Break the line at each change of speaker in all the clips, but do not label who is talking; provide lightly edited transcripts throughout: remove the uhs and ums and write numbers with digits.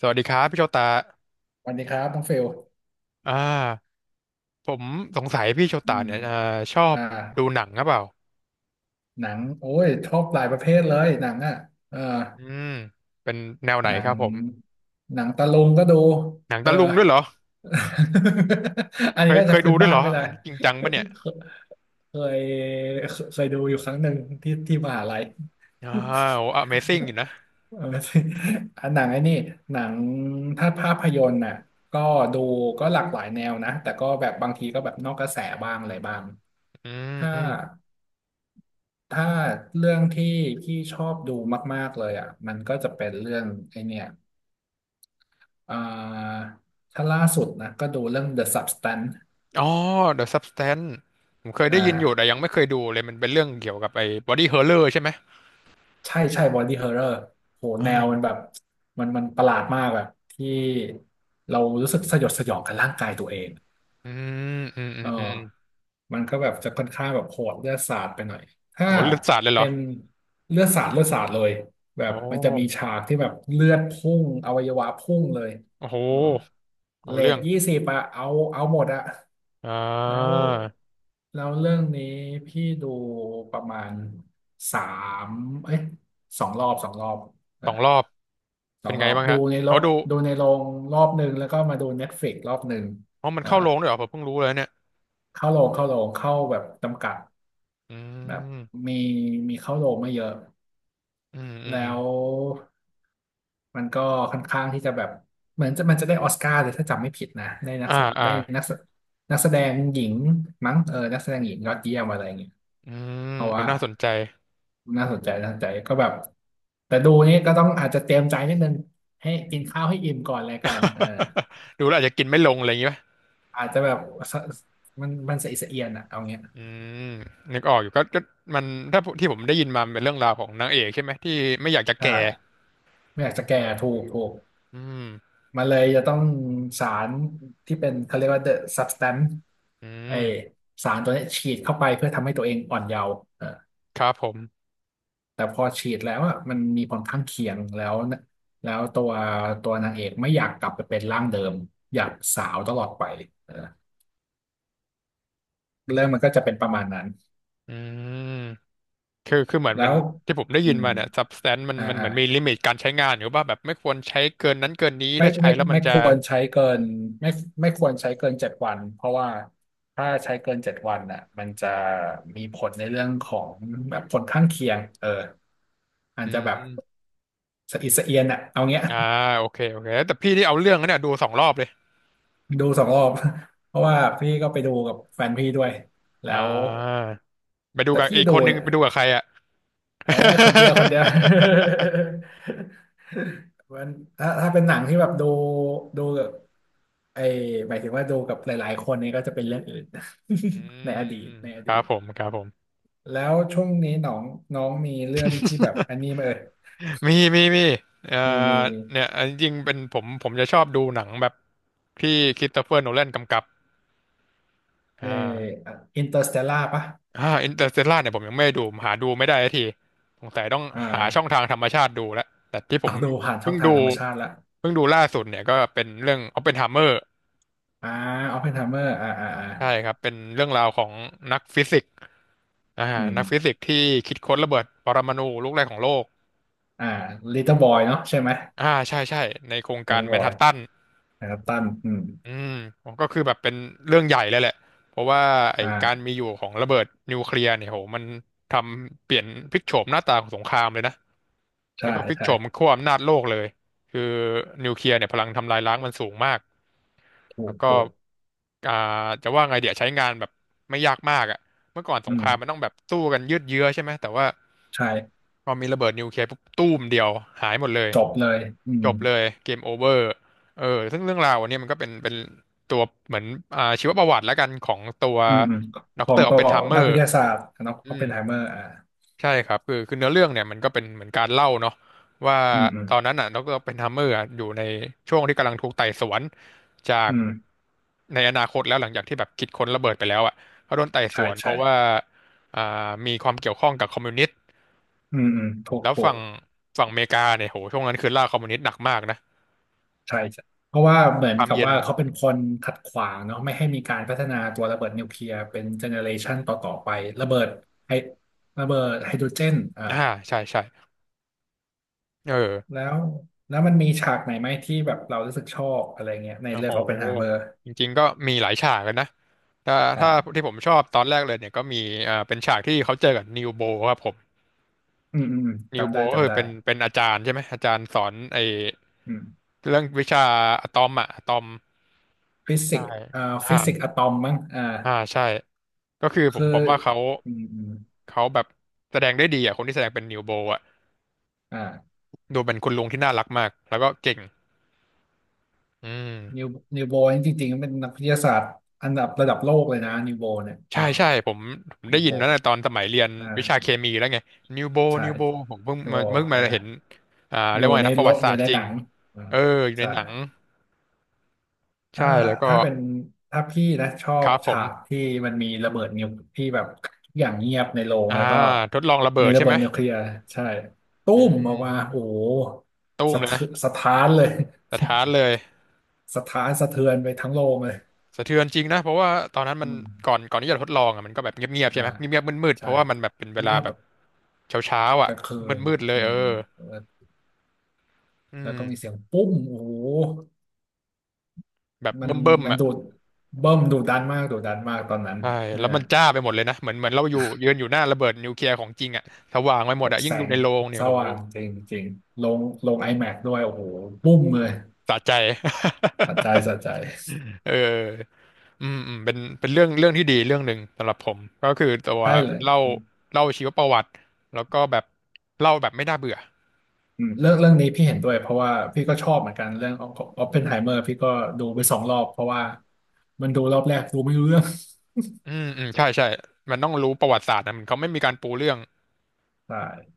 สวัสดีครับพี่โชตา
สวัสดีครับน้องเฟล
อ่าผมสงสัยพี่โช
อื
ตา
ม
เนี่ยชอบ
อ่า
ดูหนังหรือเปล่า
หนังโอ้ยชอบหลายประเภทเลยหนังอ่ะเออ
อืมเป็นแนวไหน
หนั
ค
ง
รับผม
หนังตะลุงก็ดู
หนัง
เออ
ตะลุงด้วยเหรอ
อัน
เค
นี้
ย
ก็
เค
จะ
ย
พื้
ดู
น
ด้วย
บ้า
เหร
น
อ
ไม่ได้
อันนี้จริงจังปะเนี่ย
เคยเคยดูอยู่ครั้งหนึ่งที่ที่มหาลัย
อ่าโอ้ Amazing อยู่นะ
เอออันหนังไอ้นี่หนังถ้าภาพยนตร์น่ะก็ดูก็หลากหลายแนวนะแต่ก็แบบบางทีก็แบบนอกกระแสบ้างอะไรบ้าง
อืม
ถ้า
อืม
ถ้าเรื่องที่พี่ชอบดูมากๆเลยอ่ะมันก็จะเป็นเรื่องไอเนี่ยอ่าถ้าล่าสุดนะก็ดูเรื่อง The Substance
อ๋อ The Substance ผมเคย
อ่
ได้ยินอยู่แต่
า
ยังไม่เคยดูเลยมันเป็นเรื่องเกี่ยวกับไอ้ Body Horror ใช่ไหม
ใช่ใช่ Body Horror โห
อ่
แนวมันแบ
า
บมันประหลาดมากแบบที่เรารู้สึกสยดสยองกับร่างกายตัวเอง
อืมอืมอื
เ
มอืม
ออมันก็แบบจะค่อนข้างแบบโหดเลือดสาดไปหน่อยถ้า
โอ้เลือดสาดเลยเหร
เป็
อ
นเลือดสาดเลือดสาดเลยแบบ
โอ้
มันจะมีฉากที่แบบเลือดพุ่งอวัยวะพุ่งเลย
โอ้โห
เออ
เอา
เร
เรื่
ท
อง
20อะเอาเอาหมดอะ
อ่
แล้ว
า
แล้วเรื่องนี้พี่ดูประมาณสามเอ้ย2 รอบ 2 รอบเอ
ส
อ
องรอบ
สอ
เป็
ง
น
ร
ไง
อบ
บ้าง
ดู
ฮะ
ในโร
เอา
ง
ดู
ดูในโรงรอบหนึ่งแล้วก็มาดูเน็ตฟล x กรอบหนึ่ง
อ๋อมัน
อ่า
เข้าโรงด้วยเหรอผมเพิ่งรู้เลยเนี่ย
เข้าโรงเข้าแบบจำกัด
อื
แบบ
ม
มีมีเข้าโรงไม่เยอะ
อืมอืมอ
แล้
ม
วมันก็ค่อนข้างที่จะแบบเหมือนจะมันจะได้ออสการ์เลยถ้าจำไม่ผิดนะได้นัก
อ่า
แส
อ่า
ได้นักแสนักแสดงหญิงมั้งเออนักแสดงหญิงยอดเยี่ยมอะไรอย่างเงี้ย
อืม
เพราะ
เออ
ว่า
น่าสนใจ
น่าสนใจน่าสนใจก็แบบแต่ดูนี่ก็ต้องอาจจะเตรียมใจนิดนึงให้กินข้าวให้อิ่มก่อนอะไรก่อนเออ
ดูแล้วอาจจะกินไม่ลงอะไรอย่างงี้ป่ะ
อาจจะแบบสมันสะอิดสะเอียนอะเอาเงี้ย
อืมนึกออกอยู่ก็มันถ้าที่ผมได้ยินมามันเป็นเรื่องราวของนางเอกใช่ไหมที่ไม่อยากจะ
ใช่
แก่
ไม่อยากจะแก่ถูกถูก
อืม
มันเลยจะต้องสารที่เป็นเขาเรียกว่า the substance
อื
ไอ
ม
สารตัวเนี้ยฉีดเข้าไปเพื่อทำให้ตัวเองอ่อนเยาว์เออ
ครับผม
แต่พอฉีดแล้วอ่ะมันมีผลข้างเคียงแล้วนะแล้วตัวนางเอกไม่อยากกลับไปเป็นร่างเดิมอยากสาวตลอดไปเออเรื่องมันก็จะเป็นประมาณนั้น
อืมคือเหมือน
แล้
มัน
ว
ที่ผมได้
อื
ยิน
ม
มาเนี่ย substance มัน
อ่า
มันเห
อ่า
มือนมีลิมิตการใช้งานอยู่ป่ะแบบไม่ควรใช้เกินนั้นเกินนี้
ไม่
ถ้าใช้
ไม่
แล้วมัน
ไม่
จะ
ควรใช้เกินไม่ไม่ควรใช้เกินเจ็ดวันเพราะว่าถ้าใช้เกินเจ็ดวันน่ะมันจะมีผลในเรื่องของแบบผลข้างเคียงเอออา
อื
จจะแบบ
ม
สะอิดสะเอียนอ่ะเอาเงี้ย
อ่าโอเคโอเคแต่พี่ที่เอาเรื่องนะเนี่ยดูสองรอบเลย
ดูสองรอบ เพราะว่าพี่ก็ไปดูกับแฟนพี่ด้วยแล้
อ่า
ว
ไปดู
แต่
กับ
พี่
อีก
ดู
คนนึง
เนี่ย
ไปดูกับใครอ่ะ
เออ คนเดียวคนเดียว มันถ้าเป็นหนังที่แบบดู ไอหมายถึงว่าดูกับหลายๆคนนี้ก็จะเป็นเรื่องอื่น
อื
ใน
ม
อดี
อื
ต
ม
ในอ
ค
ดี
รับ
ต
ผมครับผม
แล้วช่วงนี้น้องน้องมีเรื่องที่แบบอันนี้ไหมเอ่ย
มีเอ่อ
มีมีมี
เนี่ยอันจริงๆเป็นผมจะชอบดูหนังแบบที่คริสโตเฟอร์โนแลนกำกับ
ไอ
อ่า
อินเตอร์สเตลล่าปะ
อินเตอร์เตลล่าเนี่ยผมยังไม่ได้ดูหาดูไม่ได้สักที สงสัยต้อง
อ่
หาช่อง
า
ทางธรรมชาติดูแล้ว แต่ที่ผ
ต้อ
ม
งดูผ่านช่
เพิ่
อง
ง
ทา
ดู
งธรรมชาติละ
ล่าสุดเนี่ยก็เป็นเรื่อง o p p e n h เม m e r
อ่าออปเพนไฮเมอร์อ่าอ่าอ่า
ใช่ครับเป็นเรื่องราวของนักฟิสิกส์อ่า
อืม
นักฟิสิกส์ที่คิดค้นระเบิดปรมาณูลูกแรกของโลก
อ่าลิตเติ้ลบอยเนาะใช่ไหม
ใช่ใช่ในโคร
ลิ
ง
ต
กา
เติ้
ร
ล
แม
บ
น
อ
ฮั
ย
ตตัน
นะครับตันอืม
อืมก็คือแบบเป็นเรื่องใหญ่เลยแหละเพราะว่าไอ้
อ
การมี
่า
อยู่ของระเบิดนิวเคลียร์เนี่ยโหมันทำเปลี่ยนพลิกโฉมหน้าตาของสงครามเลยนะแล้
ใช่
วก็พลิก
ใช่
โฉมขั้วอำนาจโลกเลยคือนิวเคลียร์เนี่ยพลังทำลายล้างมันสูงมาก
ถู
แล้
ก
วก็
ถูก
อ่าจะว่าไงเดี๋ยวใช้งานแบบไม่ยากมากอ่ะเมื่อก่อนส
อื
งครามมัน
ม
ต้องแบบสู้กันยืดเยื้อใช่ไหมแต่ว่า
ใช่
พอมีระเบิดนิวเคลียร์ปุ๊บตู้มเดียวหายหมดเลย
จบเลยอื
จ
ม
บเลยเกมโอเวอร์เออซึ่งเรื่องราวอันเนี้ยมันก็เป็นตัวเหมือนชีวประวัติแล้วกันของตัว
อืมอืม
ด็
ข
อก
อ
เตอ
ง
ร์ออ
ตั
ป
ว
เพนไฮเมอ
นักวิ
ร์
ทยาศาสตร์เนอะอ
อื
อปเพ
ม
นไฮเมอร์อ่า
ใช่ครับคือเนื้อเรื่องเนี่ยมันก็เป็นเหมือนการเล่าเนาะว่า
อืมอืม
ตอนนั้นอ่ะด็อกเตอร์อปเพนไฮเมอร์อะอยู่ในช่วงที่กำลังถูกไต่สวนจาก
อืม
ในอนาคตแล้วหลังจากที่แบบคิดค้นระเบิดไปแล้วอ่ะเขาโดนไต่ส
ใช่
วนเพ
ใช่
ราะว่าอ่ามีความเกี่ยวข้องกับคอมมิวนิสต์
อืมอืมถูก
แล้ว
ถูก
ฝั่งอเมริกาเนี่ยโหช่วงนั้นคือล่าคอมมิวนิสต์หนักมากนะ
ใช่ใช่เพราะว่าเหมือน
ความ
กับ
เย็น
ว่าเขาเป็นคนขัดขวางเนาะไม่ให้มีการพัฒนาตัวระเบิดนิวเคลียร์เป็นเจเนอเรชันต่อไประเบิดไฮระเบิดไฮโดรเจนอ่า
อ่าใช่ใช่ เออ
แล้วแล้วมันมีฉากไหนไหมที่แบบเรารู้สึกชอบอะไรเงี้ยใน
โอ้
เรื่
โห
องโอปเพนไฮเมอร์
จริงๆก็มีหลายฉากกันนะถ้า
อ่า
ที่ผมชอบตอนแรกเลยเนี่ยก็มีเป็นฉากที่เขาเจอกับนิวโบครับผม
อืมอืมอืม
นิว
จำ
โบ
ได้
ก็
จำ
คือ
ได้
เป็นอาจารย์ใช่ไหม อาจารย์สอนไอ้
อืม
เรื่องวิชาอะตอมอะอะตอม
ฟิสิ
ใช่
กส์อ่าฟิสิกส์
อ่า
อะตอมมั้งอ่า
ใช่ ก็คือผ
คื
ม
อ
ว่าเขา
อืมอืม
แบบแสดงได้ดีอ่ะคนที่แสดงเป็นนิวโบอ่ะ
อ่า
ดูเป็นคุณลุงที่น่ารักมากแล้วก็เก่งอื
นิ
ม
วนิวโบนี่จริงๆเป็นนักวิทยาศาสตร์อันดับระดับโลกเลยนะนิวโบเนี่ย
ใช่
อ่า
ใช่ผม
นิ
ได้
ว
ยิ
โบ
นแล้วนะตอนสมัยเรียนวิชา
อ่า
เคมีแล้วไงนิวโบ
ใช่
นิวโบผมเพิ่ง
นิว
มา
โบอ่า
เห็น
อ
เรียก
ยู่
ว่าไง
ใน
นะประ
โล
วั
ก
ติศา
อ
สต
ยู่
ร์
ใน
จริ
ห
ง
นังอ่า
เอออยู่ใน
ใช่
หนังใช่
ถ้า
แล้วก็
ถ้าเป็นถ้าพี่นะชอ
ค
บ
รับผ
ฉาก
ม
ที่มันมีระเบิดนิวที่แบบทุกอย่างเงียบในโรง
อ่า
แล้วก็
ทดลองระเบิ
มี
ด
ระ
ใช่
เบิ
ไหม
ดนิวเคลียร์ใช่ตุ้
อื
มออ
ม
กมาโอ้โห
ตู้ม
สะ
เลยนะ
เทืสะท้านเลย
สะท้านเลย
สะท้านสะเทือนไปทั้งโรงเลย
สะเทือนจริงนะเพราะว่าตอนนั้นมั
อื
น
ม
ก่อนที่จะทดลองอ่ะมันก็แบบเงียบๆใช่
อ่า
ไหมเงียบๆมืดๆเพ
ใช่
ราะว่ามันแบบเป็นเว
เงี
ลา
ยบ
แบ
แบ
บ
บ
เช้าๆ
ก
อ่ะ
ลางคืน
มืดๆเล
อื
ยเอ
ม
อ
แล้ว
อื
แล้วก็มีเสี
ม
ยงปุ้มโอ้โห
แบบ
มัน
เบิ่ม
มั
ๆ
น
อ่ะ
ดูดเบิ่มดูดันมากดูดันมากตอนนั้น
ใช่
เออ
แล้วมันจ้าไปหมดเลยนะเหมือนเราอยู่ยืนอยู่หน้าระเบิดนิวเคลียร์ของจริงอะสว่างไปหม
แบ
ด
บ
อะ
แส
ยิ่งดู
ง
ในโรงเนี่
ส
ยโห
ว่างจริงจริงลงลง iMac ด้วยโอ้โหปุ้มเลย
สะใจ
สะใจสะใจ
เอออืมอืมเป็นเรื่องที่ดีเรื่องหนึ่งสำหรับผมก็คือตัว
ใช่เลย
เล่า
อืม
เล่าชีวประวัติแล้วก็แบบเล่าแบบไม่น่าเบื่อ
อืมเรื่องนี้พี่เห็นด้วยเพราะว่าพี่ก็ชอบเหมือนกันเรื่องของออปเพนไฮเมอร์พี่ก็ดูไปสองรอบเพราะว่ามันดูรอบแรกดูไม่รู้เรื่อง
อืมอืมใช่ใช่มันต้องรู้ประวัติศาสตร์นะมันเขาไม่มีการปูเรื่อง
ใช่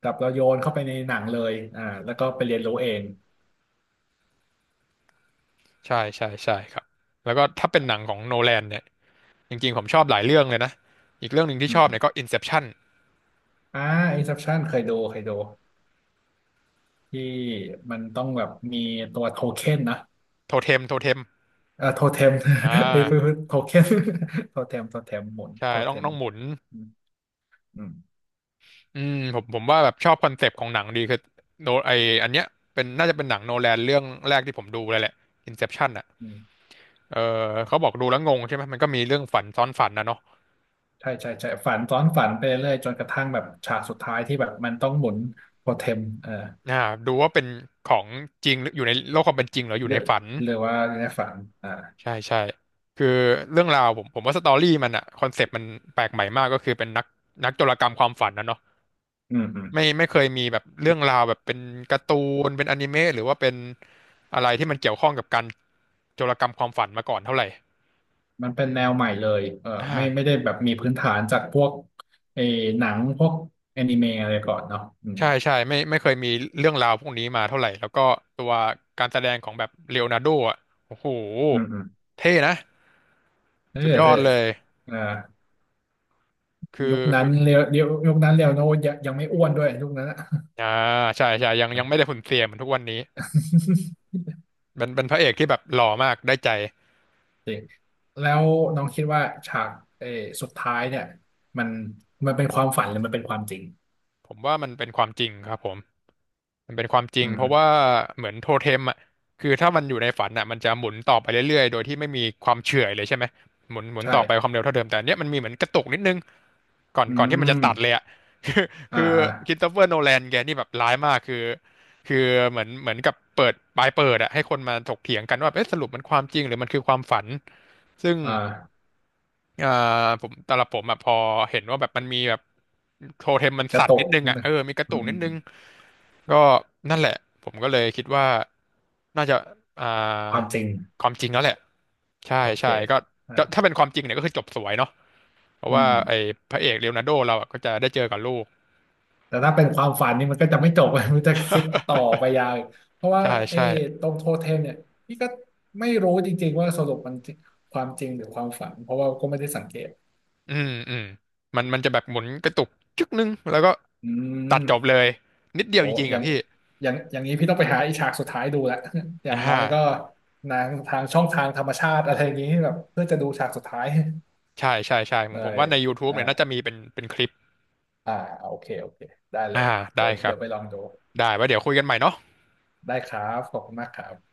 กับเราโยนเข้าไปในหนังเลยอ่าแล้วก็ไปเรียนรู้เอง
ใช่ใช่ใช่ครับแล้วก็ถ้าเป็นหนังของโนแลนเนี่ยจริงๆผมชอบหลายเรื่องเลยนะอีกเรื่องหนึ่งที่
อื
ชอบเนี่ย
ม
ก็ Inception
อ่า Inception เคยดูเคยดูที่มันต้องแบบมีตัวโทเค็นนะ
โทเทมโทเทม
โทเทม
อ่
เอ้ย
า
โทเค็น โทเทมโทเทมหมุน
ใช่
โท
ต้
เท
อง
ม
ต้องหมุน
อืมอืม
อืมผมว่าแบบชอบคอนเซปต์ของหนังดีคือโนไออันเนี้ยเป็นน่าจะเป็นหนังโนแลนเรื่องแรกที่ผมดูเลยแหละ Inception อ่ะ
อืม
เออเขาบอกดูแล้วงงใช่ไหมมันก็มีเรื่องฝันซ้อนฝันนะเนาะ
ใช่ใช่ใช่ฝันซ้อนฝันไปเรื่อยจนกระทั่งแบบฉากสุดท้ายที่แบบมันต้องหมุนโทเทมเออ
อ่าดูว่าเป็นของจริงหรืออยู่ในโลกความเป็นจริงหรืออยู่
เย
ใน
อะ
ฝัน
หรือว่าในฝันอ่า
ใช่ใช่คือเรื่องราวผมว่าสตอรี่มันอ่ะคอนเซปต์มันแปลกใหม่มากก็คือเป็นนักนักโจรกรรมความฝันนะเนาะ
อืมอืม
ไม่ไม่เคยมีแบบเรื่องราวแบบเป็นการ์ตูนเป็นอนิเมะหรือว่าเป็นอะไรที่มันเกี่ยวข้องกับการโจรกรรมความฝันมาก่อนเท่าไหร่
มันเป็
อื
น
ม
แนวใหม่เลยเออ
อ่า
ไม่ไม่ได้แบบมีพื้นฐานจากพวกไอ้หนังพวกแอนิเมะอะไรก่อนเนาะอืม
ใช่ใช่ไม่ไม่เคยมีเรื่องราวพวกนี้มาเท่าไหร่แล้วก็ตัวการแสดงของแบบเลโอนาร์โดอ่ะโอ้โห
อืมอืม
เท่นะ
เออ
สุดย
เธ
อ
อ
ดเลย
อ่า
คือ
ยุคนั้นเรียวยุคนั้นเรียวโนยังไม่อ้วนด้วยยุคนั้นอะ
อ่าใช่ใช่ยังยังไม่ได้หุ่นเสียเหมือนทุกวันนี้ เป็นเป็นพระเอกที่แบบหล่อมากได้ใจ
จริงแล้วน้องคิดว่าฉากเออสุดท้ายเนี่ยมันมันเป็นความฝันหรือมันเป็นความจริง
ผมว่ามันเป็นความจริงครับผม มันเป็นความจริ
อื
งเพราะว่า
ม
เหมือนโทเทมอ่ะคือถ้ามันอยู่ในฝันอ่ะมันจะหมุนต่อไปเรื่อยๆโดยที่ไม่มีความเฉื่อยเลยใช่ไหมหมุนหมุน
ใช่
ต่อไปความเร็วเท่าเดิมแต่อันเนี้ยมันมีเหมือนกระตุกนิดนึงก่อน
อื
ก่อนที่มันจะตัดเลย
ม
อ่ะ คือ
อ่า
คือ
อ่า
คริสโตเฟอร์โนแลนแกนี่แบบร้ายมากคือคือเหมือนเหมือนกับเปิดปลายเปิดอ่ะให้คนมาถกเถียงกันว่าเอ๊ะสรุปมันความจริงหรือมันคือความฝันซึ่ง
อ่า
เอ่อผมสำหรับผมอ่ะพอเห็นว่าแบบมันมีแบบโทเทมมัน
กระ
สั่
ต
นนิ
ก
ดนึง
นิด
อ่ะ
นึ
เอ
ง
อมีกระ
อื
ตุ
ม
ก
อื
นิด
ม
นึง ก็นั่นแหละผมก็เลยคิดว่าน่าจะอ่า
ความจริง
ความจริงแล้วแหละใช่
โอเค
ใช่ก็
อ่า
ก็ถ้าเป็นความจริงเนี่ยก็คือจบสวยเนาะเพราะ
อื
ว่า
ม
ไอ้พระเอกเลโอนาร์โดเราอะก็จะได้เจอกับลูก
แต่ถ้าเป็นความฝันนี่มันก็จะไม่จบ มันจะคิดต่อไปยาวอีกเพราะว่า
ใช่
เออ
ใช่
ตรงโทเทมเนี่ยพี่ก็ไม่รู้จริงๆว่าสรุปมันจริงความจริงหรือความฝันเพราะว่าก็ไม่ได้สังเกต
อืมอืมมันมันจะแบบหมุนกระตุกจึ๊กนึงแล้วก็
อื
ตัดจบเล
ม
ยนิดเดียว
โอ้
จริงๆ
อย่า
อ่ะ
ง
พี่
อย่างนี้พี่ต้องไปหาอีฉากสุดท้ายดูละ อย่างน้
อ่า
อยก็นางทางช่องทางธรรมชาติอะไรอย่างนี้แบบเพื่อจะดูฉากสุดท้าย
ใช่ใช่ใช่ผ
เล
มผม
ย
ว่าใน YouTube
อ่า
เนี่ยน่าจะมีเป็นเป็นคลิป
อ่าโอเคโอเคได้เล
อ่า
ยเดี๋
ได้
ยว
ครั
เดี๋
บ
ยวไปลองดู
ได้ไว้เดี๋ยวคุยกันใหม่เนาะ
ได้ครับขอบคุณมากครับ